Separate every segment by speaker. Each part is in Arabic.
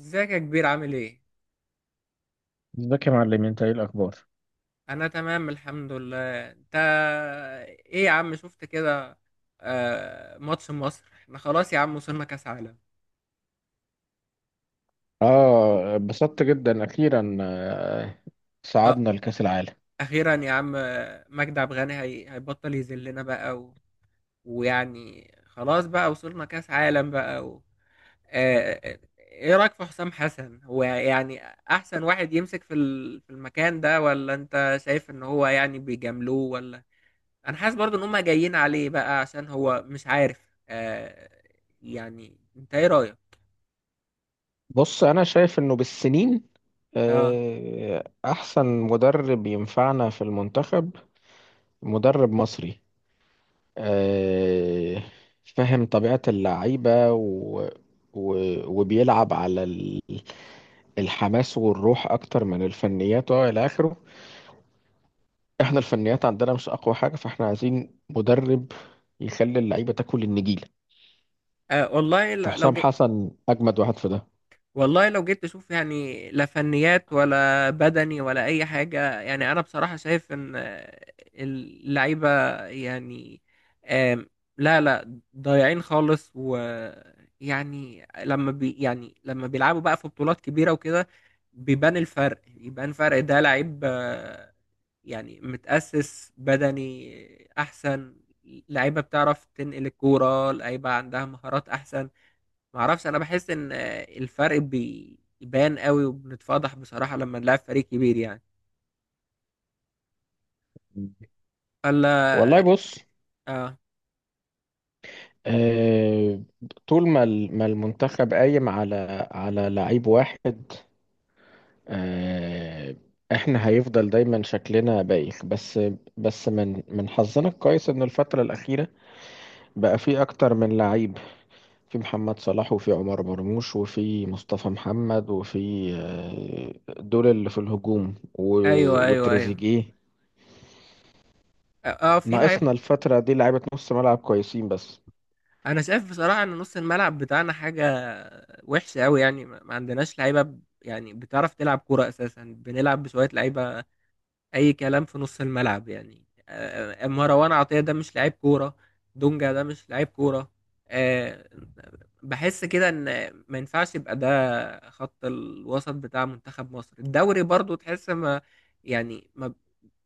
Speaker 1: ازيك يا كبير؟ عامل ايه؟
Speaker 2: ازيك يا معلم، انت ايه الاخبار؟
Speaker 1: انا تمام الحمد لله. انت ايه يا عم؟ شفت كده؟ آه، ماتش مصر، احنا خلاص يا عم، وصلنا كاس عالم.
Speaker 2: اه، اتبسطت جدا اخيرا.
Speaker 1: اه
Speaker 2: صعدنا لكأس العالم.
Speaker 1: اخيرا يا عم. مجدي عبد الغني هيبطل يذلنا بقى و... ويعني خلاص بقى، وصلنا كاس عالم بقى و... آه آه، ايه رايك في حسام حسن؟ هو يعني احسن واحد يمسك في ال... في المكان ده؟ ولا انت شايف ان هو يعني بيجاملوه؟ ولا انا حاسس برضو ان هم جايين عليه بقى، عشان هو مش عارف. آه يعني انت ايه رايك؟
Speaker 2: بص، انا شايف انه بالسنين
Speaker 1: اه.
Speaker 2: احسن مدرب ينفعنا في المنتخب. مدرب مصري آه، فاهم طبيعة اللعيبة و... و... وبيلعب على الحماس والروح اكتر من الفنيات والى اخره. احنا الفنيات عندنا مش اقوى حاجة، فاحنا عايزين مدرب يخلي اللعيبة تاكل النجيل.
Speaker 1: آه والله لو
Speaker 2: فحسام حسن اجمد واحد في ده.
Speaker 1: والله لو جيت تشوف، يعني لا فنيات ولا بدني ولا اي حاجه، يعني انا بصراحه شايف ان اللعيبه يعني آم، لا ضايعين خالص. ويعني لما بي يعني لما بيلعبوا بقى في بطولات كبيره وكده بيبان الفرق، بيبان فرق ده لعيب. يعني متأسس بدني احسن، لعيبه بتعرف تنقل الكوره، لعيبه عندها مهارات احسن. معرفش، انا بحس ان الفرق بيبان قوي وبنتفضح بصراحة لما نلعب فريق كبير يعني. ولا
Speaker 2: والله بص،
Speaker 1: اه.
Speaker 2: آه، طول ما المنتخب قايم على لعيب واحد، آه، احنا هيفضل دايما شكلنا بايخ. بس من حظنا الكويس ان الفترة الأخيرة بقى في اكتر من لعيب. في محمد صلاح، وفي عمر مرموش، وفي مصطفى محمد، وفي دول اللي في الهجوم،
Speaker 1: ايوه ايوه ايوه.
Speaker 2: وتريزيجيه.
Speaker 1: اه. في لعيب.
Speaker 2: ناقصنا الفترة دي لعيبة نص ملعب كويسين بس.
Speaker 1: انا شايف بصراحة ان نص الملعب بتاعنا حاجة وحشة قوي، يعني ما عندناش يعني بتعرف تلعب كورة. اساسا بنلعب بشوية لعيبة اي كلام في نص الملعب. يعني مروان عطية ده مش لعيب كورة، دونجا ده مش لعيب كورة. آه، بحس كده ان ما ينفعش يبقى ده خط الوسط بتاع منتخب مصر. الدوري برضو تحس ما يعني ما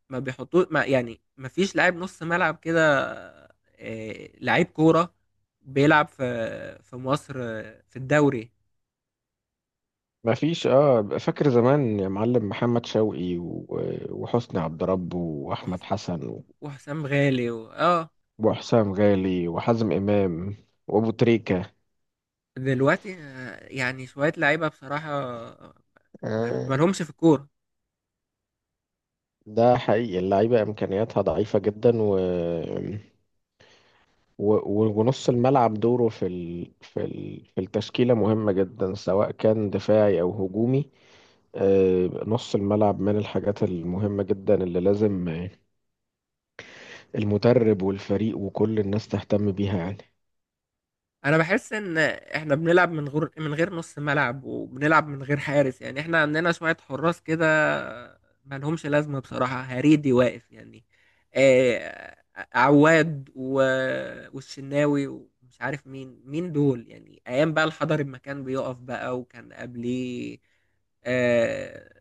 Speaker 1: ما بيحطوه ما يعني ما فيش لاعب نص ملعب كده، لعيب كورة بيلعب في مصر، في الدوري.
Speaker 2: ما فيش. اه فاكر زمان يا معلم محمد شوقي، وحسني عبد رب، واحمد
Speaker 1: وح-
Speaker 2: حسن،
Speaker 1: وحسام غالي و... اه
Speaker 2: وحسام غالي، وحازم امام، وابو تريكة.
Speaker 1: دلوقتي يعني شوية لعيبة بصراحة
Speaker 2: آه.
Speaker 1: مالهمش في الكورة.
Speaker 2: ده حقيقي، اللعيبه امكانياتها ضعيفه جدا و... و... و- ونص الملعب دوره في التشكيله مهمه جدا، سواء كان دفاعي او هجومي. نص الملعب من الحاجات المهمه جدا اللي لازم المدرب والفريق وكل الناس تهتم بيها يعني.
Speaker 1: انا بحس ان احنا بنلعب من غير من غير نص ملعب، وبنلعب من غير حارس. يعني احنا عندنا شوية حراس كده ما لهمش لازمة بصراحة. هريدي واقف يعني، آه، عواد و... والشناوي، ومش عارف مين دول يعني. ايام بقى الحضري ما كان بيقف بقى، وكان قبليه آه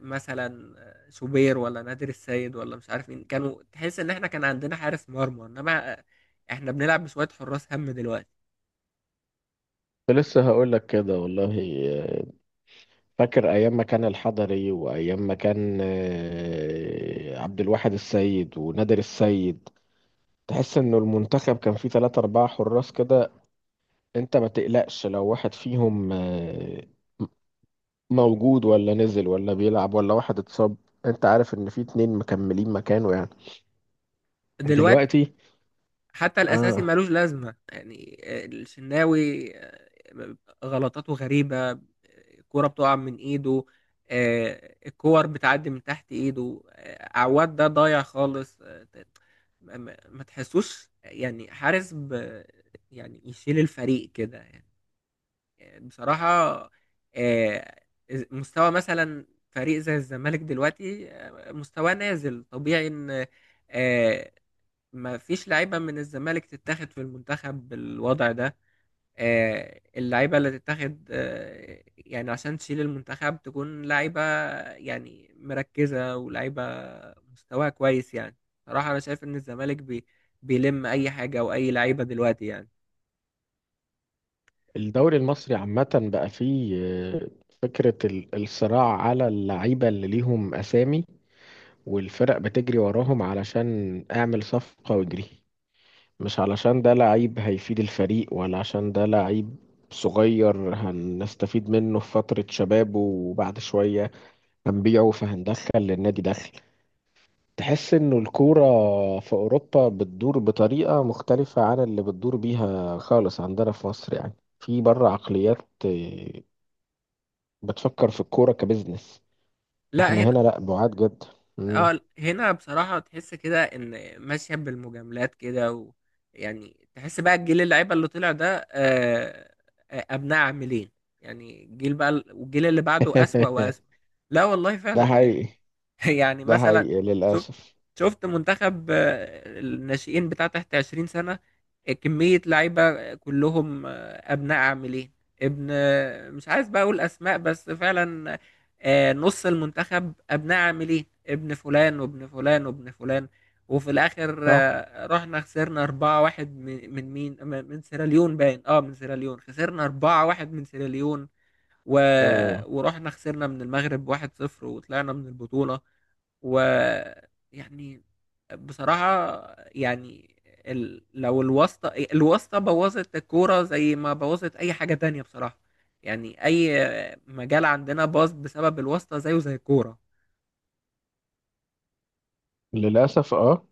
Speaker 1: مثلا شوبير، ولا نادر السيد، ولا مش عارف مين، كانوا تحس ان احنا كان عندنا حارس مرمى. انما احنا بنلعب بشوية حراس هم دلوقتي.
Speaker 2: كنت لسه هقول لك كده والله. آه، فاكر ايام ما كان الحضري وايام ما كان عبد الواحد السيد ونادر السيد. تحس انه المنتخب كان فيه 3 أو 4 حراس كده. انت ما تقلقش لو واحد فيهم موجود ولا نزل ولا بيلعب ولا واحد اتصاب، انت عارف ان في اتنين مكملين مكانه يعني.
Speaker 1: دلوقتي
Speaker 2: دلوقتي.
Speaker 1: حتى الاساسي
Speaker 2: اه.
Speaker 1: ملوش لازمه يعني. الشناوي غلطاته غريبه، الكوره بتقع من ايده، الكور بتعدي من تحت ايده، عواد ده ضايع خالص. ما تحسوش يعني حارس ب يعني يشيل الفريق كده يعني. بصراحة، آه، مستوى مثلا فريق زي الزمالك دلوقتي مستواه نازل. طبيعي ان آه، ما فيش لعيبة من الزمالك تتاخد في المنتخب بالوضع ده. اللعيبة اللي تتاخد يعني عشان تشيل المنتخب تكون لعيبة يعني مركزة، ولعيبة مستواها كويس يعني. صراحة أنا شايف إن الزمالك بيلم أي حاجة أو أي لعيبة دلوقتي يعني.
Speaker 2: الدوري المصري عامة بقى فيه فكرة الصراع على اللعيبة اللي ليهم أسامي، والفرق بتجري وراهم علشان اعمل صفقة واجري، مش علشان ده لعيب هيفيد الفريق، ولا عشان ده لعيب صغير هنستفيد منه في فترة شبابه وبعد شوية هنبيعه فهندخل للنادي دخل. تحس انه الكورة في اوروبا بتدور بطريقة مختلفة عن اللي بتدور بيها خالص عندنا في مصر يعني. في بره عقليات بتفكر في الكورة كبزنس.
Speaker 1: لا
Speaker 2: احنا
Speaker 1: هنا.
Speaker 2: هنا لا، بعاد جدا. مم.
Speaker 1: اه هنا بصراحة تحس كده ان ماشية بالمجاملات كده و... يعني تحس بقى الجيل، اللعيبة اللي طلع ده ابناء عاملين. يعني الجيل بقى والجيل اللي بعده اسوأ واسوأ. لا والله
Speaker 2: ده
Speaker 1: فعلا يعني.
Speaker 2: حقيقي.
Speaker 1: يعني
Speaker 2: ده
Speaker 1: مثلا
Speaker 2: حقيقي
Speaker 1: شفت
Speaker 2: للأسف.
Speaker 1: شفت منتخب الناشئين بتاع تحت 20 سنة، كمية لعيبة كلهم أبناء عاملين. ابن آه، مش عايز بقى أقول أسماء، بس فعلا نص المنتخب أبناء عاملين. ابن فلان وابن فلان وابن فلان، وفي الآخر
Speaker 2: صح.
Speaker 1: رحنا خسرنا 4-1 من مين من سيراليون، باين اه، من سيراليون خسرنا 4-1 من سيراليون و...
Speaker 2: مم.
Speaker 1: ورحنا خسرنا من المغرب 1-0 وطلعنا من البطولة و يعني بصراحة يعني ال... لو الواسطة بوظت الكورة زي ما بوظت أي حاجة تانية بصراحة. يعني أي مجال عندنا باظ بسبب الواسطة، زيه زي الكورة.
Speaker 2: للأسف، اه.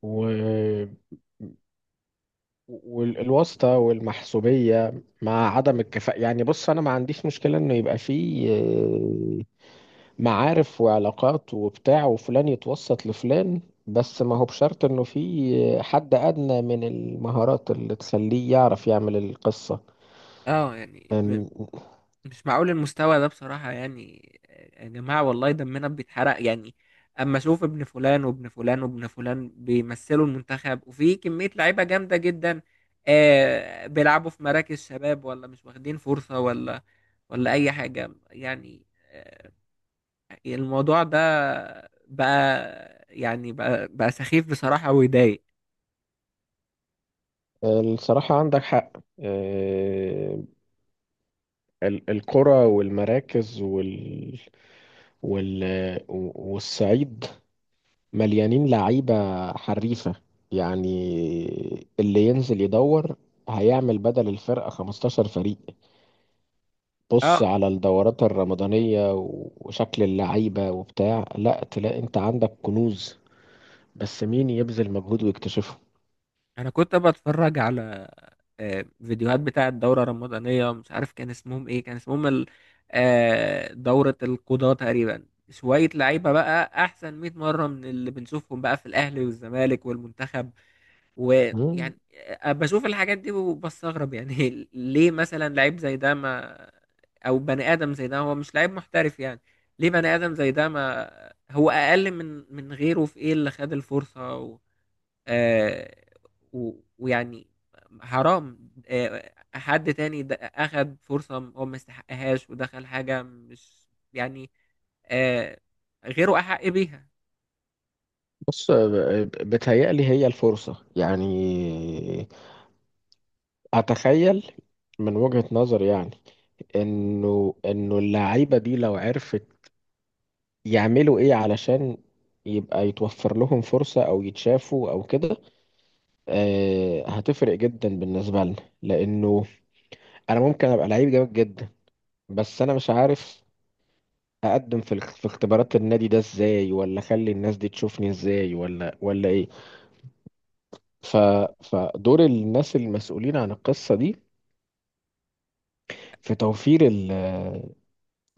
Speaker 2: و... والواسطة والمحسوبية مع عدم الكفاءة يعني. بص، أنا ما عنديش مشكلة إنه يبقى فيه معارف وعلاقات وبتاع وفلان يتوسط لفلان، بس ما هو بشرط إنه فيه حد أدنى من المهارات اللي تخليه يعرف يعمل القصة.
Speaker 1: اه يعني
Speaker 2: إن-
Speaker 1: مش معقول المستوى ده بصراحة يعني. يا جماعة والله دمنا بيتحرق يعني أما أشوف ابن فلان وابن فلان وابن فلان بيمثلوا المنتخب، وفي كمية لعيبة جامدة جدا آه بيلعبوا في مراكز شباب، ولا مش واخدين فرصة، ولا ولا أي حاجة يعني. آه الموضوع ده بقى يعني بقى سخيف بصراحة ويضايق.
Speaker 2: الصراحة عندك حق. آه، القرى والمراكز وال... وال... والصعيد مليانين لعيبة حريفة يعني. اللي ينزل يدور هيعمل بدل الفرقة 15 فريق. بص
Speaker 1: اه
Speaker 2: على الدورات الرمضانية وشكل اللعيبة وبتاع، لا تلاقي انت عندك كنوز. بس مين يبذل مجهود ويكتشفه؟
Speaker 1: انا كنت بتفرج على فيديوهات بتاعه الدوره الرمضانيه، مش عارف كان اسمهم ايه، كان اسمهم دوره القضاه تقريبا. شويه لعيبه بقى احسن 100 مره من اللي بنشوفهم بقى في الاهلي والزمالك والمنتخب.
Speaker 2: مم.
Speaker 1: ويعني بشوف الحاجات دي وبستغرب يعني. ليه مثلا لعيب زي ده ما، او بني ادم زي ده هو مش لعيب محترف يعني؟ ليه بني ادم زي ده ما هو اقل من غيره في ايه اللي خد الفرصه؟ آه، و- ويعني حرام حد تاني أخد فرصة هو ما يستحقهاش، ودخل حاجة مش يعني آه، غيره أحق بيها.
Speaker 2: بص، بتهيألي هي الفرصة يعني. أتخيل من وجهة نظر يعني انه اللعيبه دي لو عرفت يعملوا ايه علشان يبقى يتوفر لهم فرصه او يتشافوا او كده، هتفرق جدا بالنسبه لنا. لانه انا ممكن ابقى لعيب جامد جدا، بس انا مش عارف اقدم في اختبارات النادي ده ازاي، ولا اخلي الناس دي تشوفني ازاي، ولا ايه. ف فدور الناس المسؤولين عن القصه دي في توفير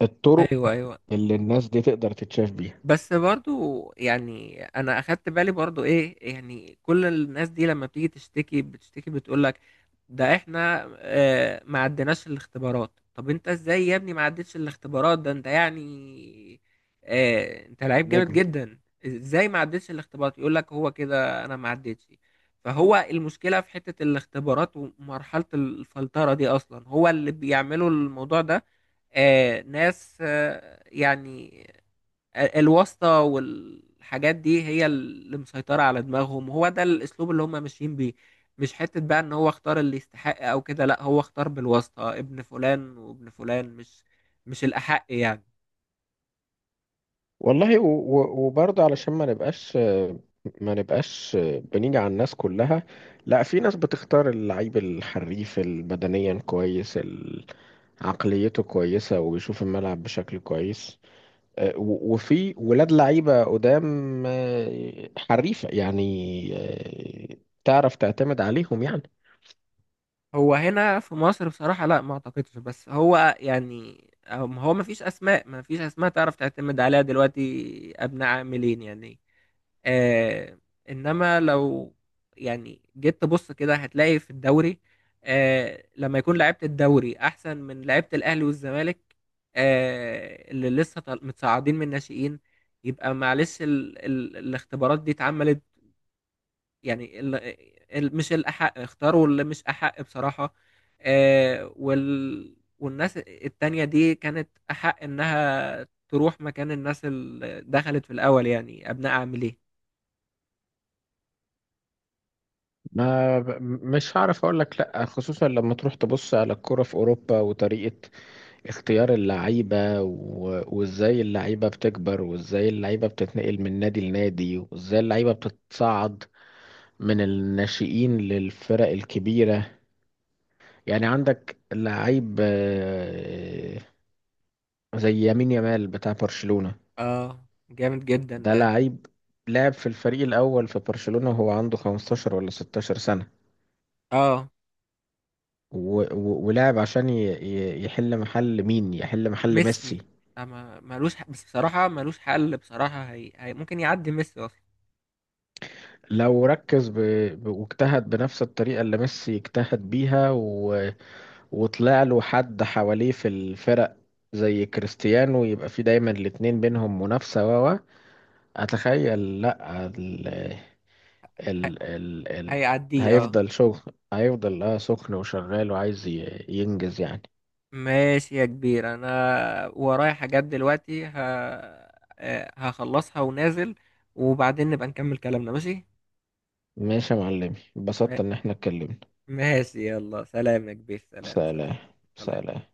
Speaker 2: الطرق
Speaker 1: ايوه ايوه.
Speaker 2: اللي الناس دي تقدر تتشاف
Speaker 1: بس برضو يعني انا اخدت بالي برضو ايه، يعني كل الناس دي لما بتيجي تشتكي بتشتكي بتقول لك ده احنا ما عدناش الاختبارات. طب انت ازاي يا ابني ما عدتش الاختبارات؟ ده انت يعني انت لعيب جامد
Speaker 2: بيها.
Speaker 1: جدا. ازاي ما عدتش الاختبارات؟ يقول لك هو كده، انا ما عدتش. فهو المشكلة في حتة الاختبارات ومرحلة الفلترة دي اصلا، هو اللي بيعملوا الموضوع ده. ناس يعني الواسطة والحاجات دي هي اللي مسيطرة على دماغهم. هو ده الأسلوب اللي هم ماشيين بيه، مش حتة بقى إن هو اختار اللي يستحق أو كده. لأ، هو اختار بالواسطة ابن فلان وابن فلان، مش الأحق يعني.
Speaker 2: والله، و- و- وبرضه علشان ما نبقاش بنيجي على الناس كلها. لا، في ناس بتختار اللعيب الحريف البدنيا كويس، عقليته كويسة وبيشوف الملعب بشكل كويس. وفي ولاد لعيبة قدام حريفة يعني، آه، تعرف تعتمد عليهم يعني.
Speaker 1: هو هنا في مصر بصراحة، لا ما اعتقدش، بس هو يعني هو ما فيش اسماء، ما فيش اسماء تعرف تعتمد عليها دلوقتي، ابناء عاملين يعني. آه انما لو يعني جيت تبص كده هتلاقي في الدوري آه لما يكون لعيبة الدوري احسن من لعيبة الاهلي والزمالك، آه اللي لسه متصاعدين من الناشئين، يبقى معلش ال ال الاختبارات دي اتعملت يعني مش الأحق، اختاروا اللي مش أحق بصراحة. والناس التانية دي كانت أحق إنها تروح مكان الناس اللي دخلت في الأول، يعني أبناء عاملين.
Speaker 2: ما ب- مش هعرف اقول لك لا، خصوصا لما تروح تبص على الكرة في اوروبا وطريقة اختيار اللعيبة وازاي اللعيبة بتكبر، وازاي اللعيبة بتتنقل من نادي لنادي، وازاي اللعيبة بتتصعد من الناشئين للفرق الكبيرة. يعني عندك لعيب زي يمين يامال بتاع برشلونة.
Speaker 1: اه جامد جدا
Speaker 2: ده
Speaker 1: ده.
Speaker 2: لعيب لعب في الفريق الأول في برشلونة وهو عنده 15 ولا 16 سنة.
Speaker 1: اه
Speaker 2: و... و... ولعب عشان يحل محل مين، يحل محل
Speaker 1: ميسي.
Speaker 2: ميسي.
Speaker 1: أما ملوش حق، بس بصراحة ملوش حل بصراحة. ممكن يعدي ميسي أصلا.
Speaker 2: لو ركز واجتهد بنفس الطريقة اللي ميسي اجتهد بيها، وطلع له حد حواليه في الفرق زي كريستيانو، يبقى في دايما الاتنين بينهم منافسة. و و اتخيل. لا.
Speaker 1: هي...
Speaker 2: ال... ال... ال...
Speaker 1: هيعديه اه.
Speaker 2: هيفضل شغل. هيفضل سخن وشغال وعايز ينجز يعني.
Speaker 1: ماشي يا كبير، انا ورايا حاجات دلوقتي. ه... آه، هخلصها ونازل، وبعدين نبقى نكمل كلامنا، ماشي.
Speaker 2: ماشي يا معلمي،
Speaker 1: ما-
Speaker 2: اتبسطت ان احنا اتكلمنا.
Speaker 1: ماشي يلا، سلام يا كبير، سلام سلام.
Speaker 2: سلام،
Speaker 1: سلام.
Speaker 2: سلام.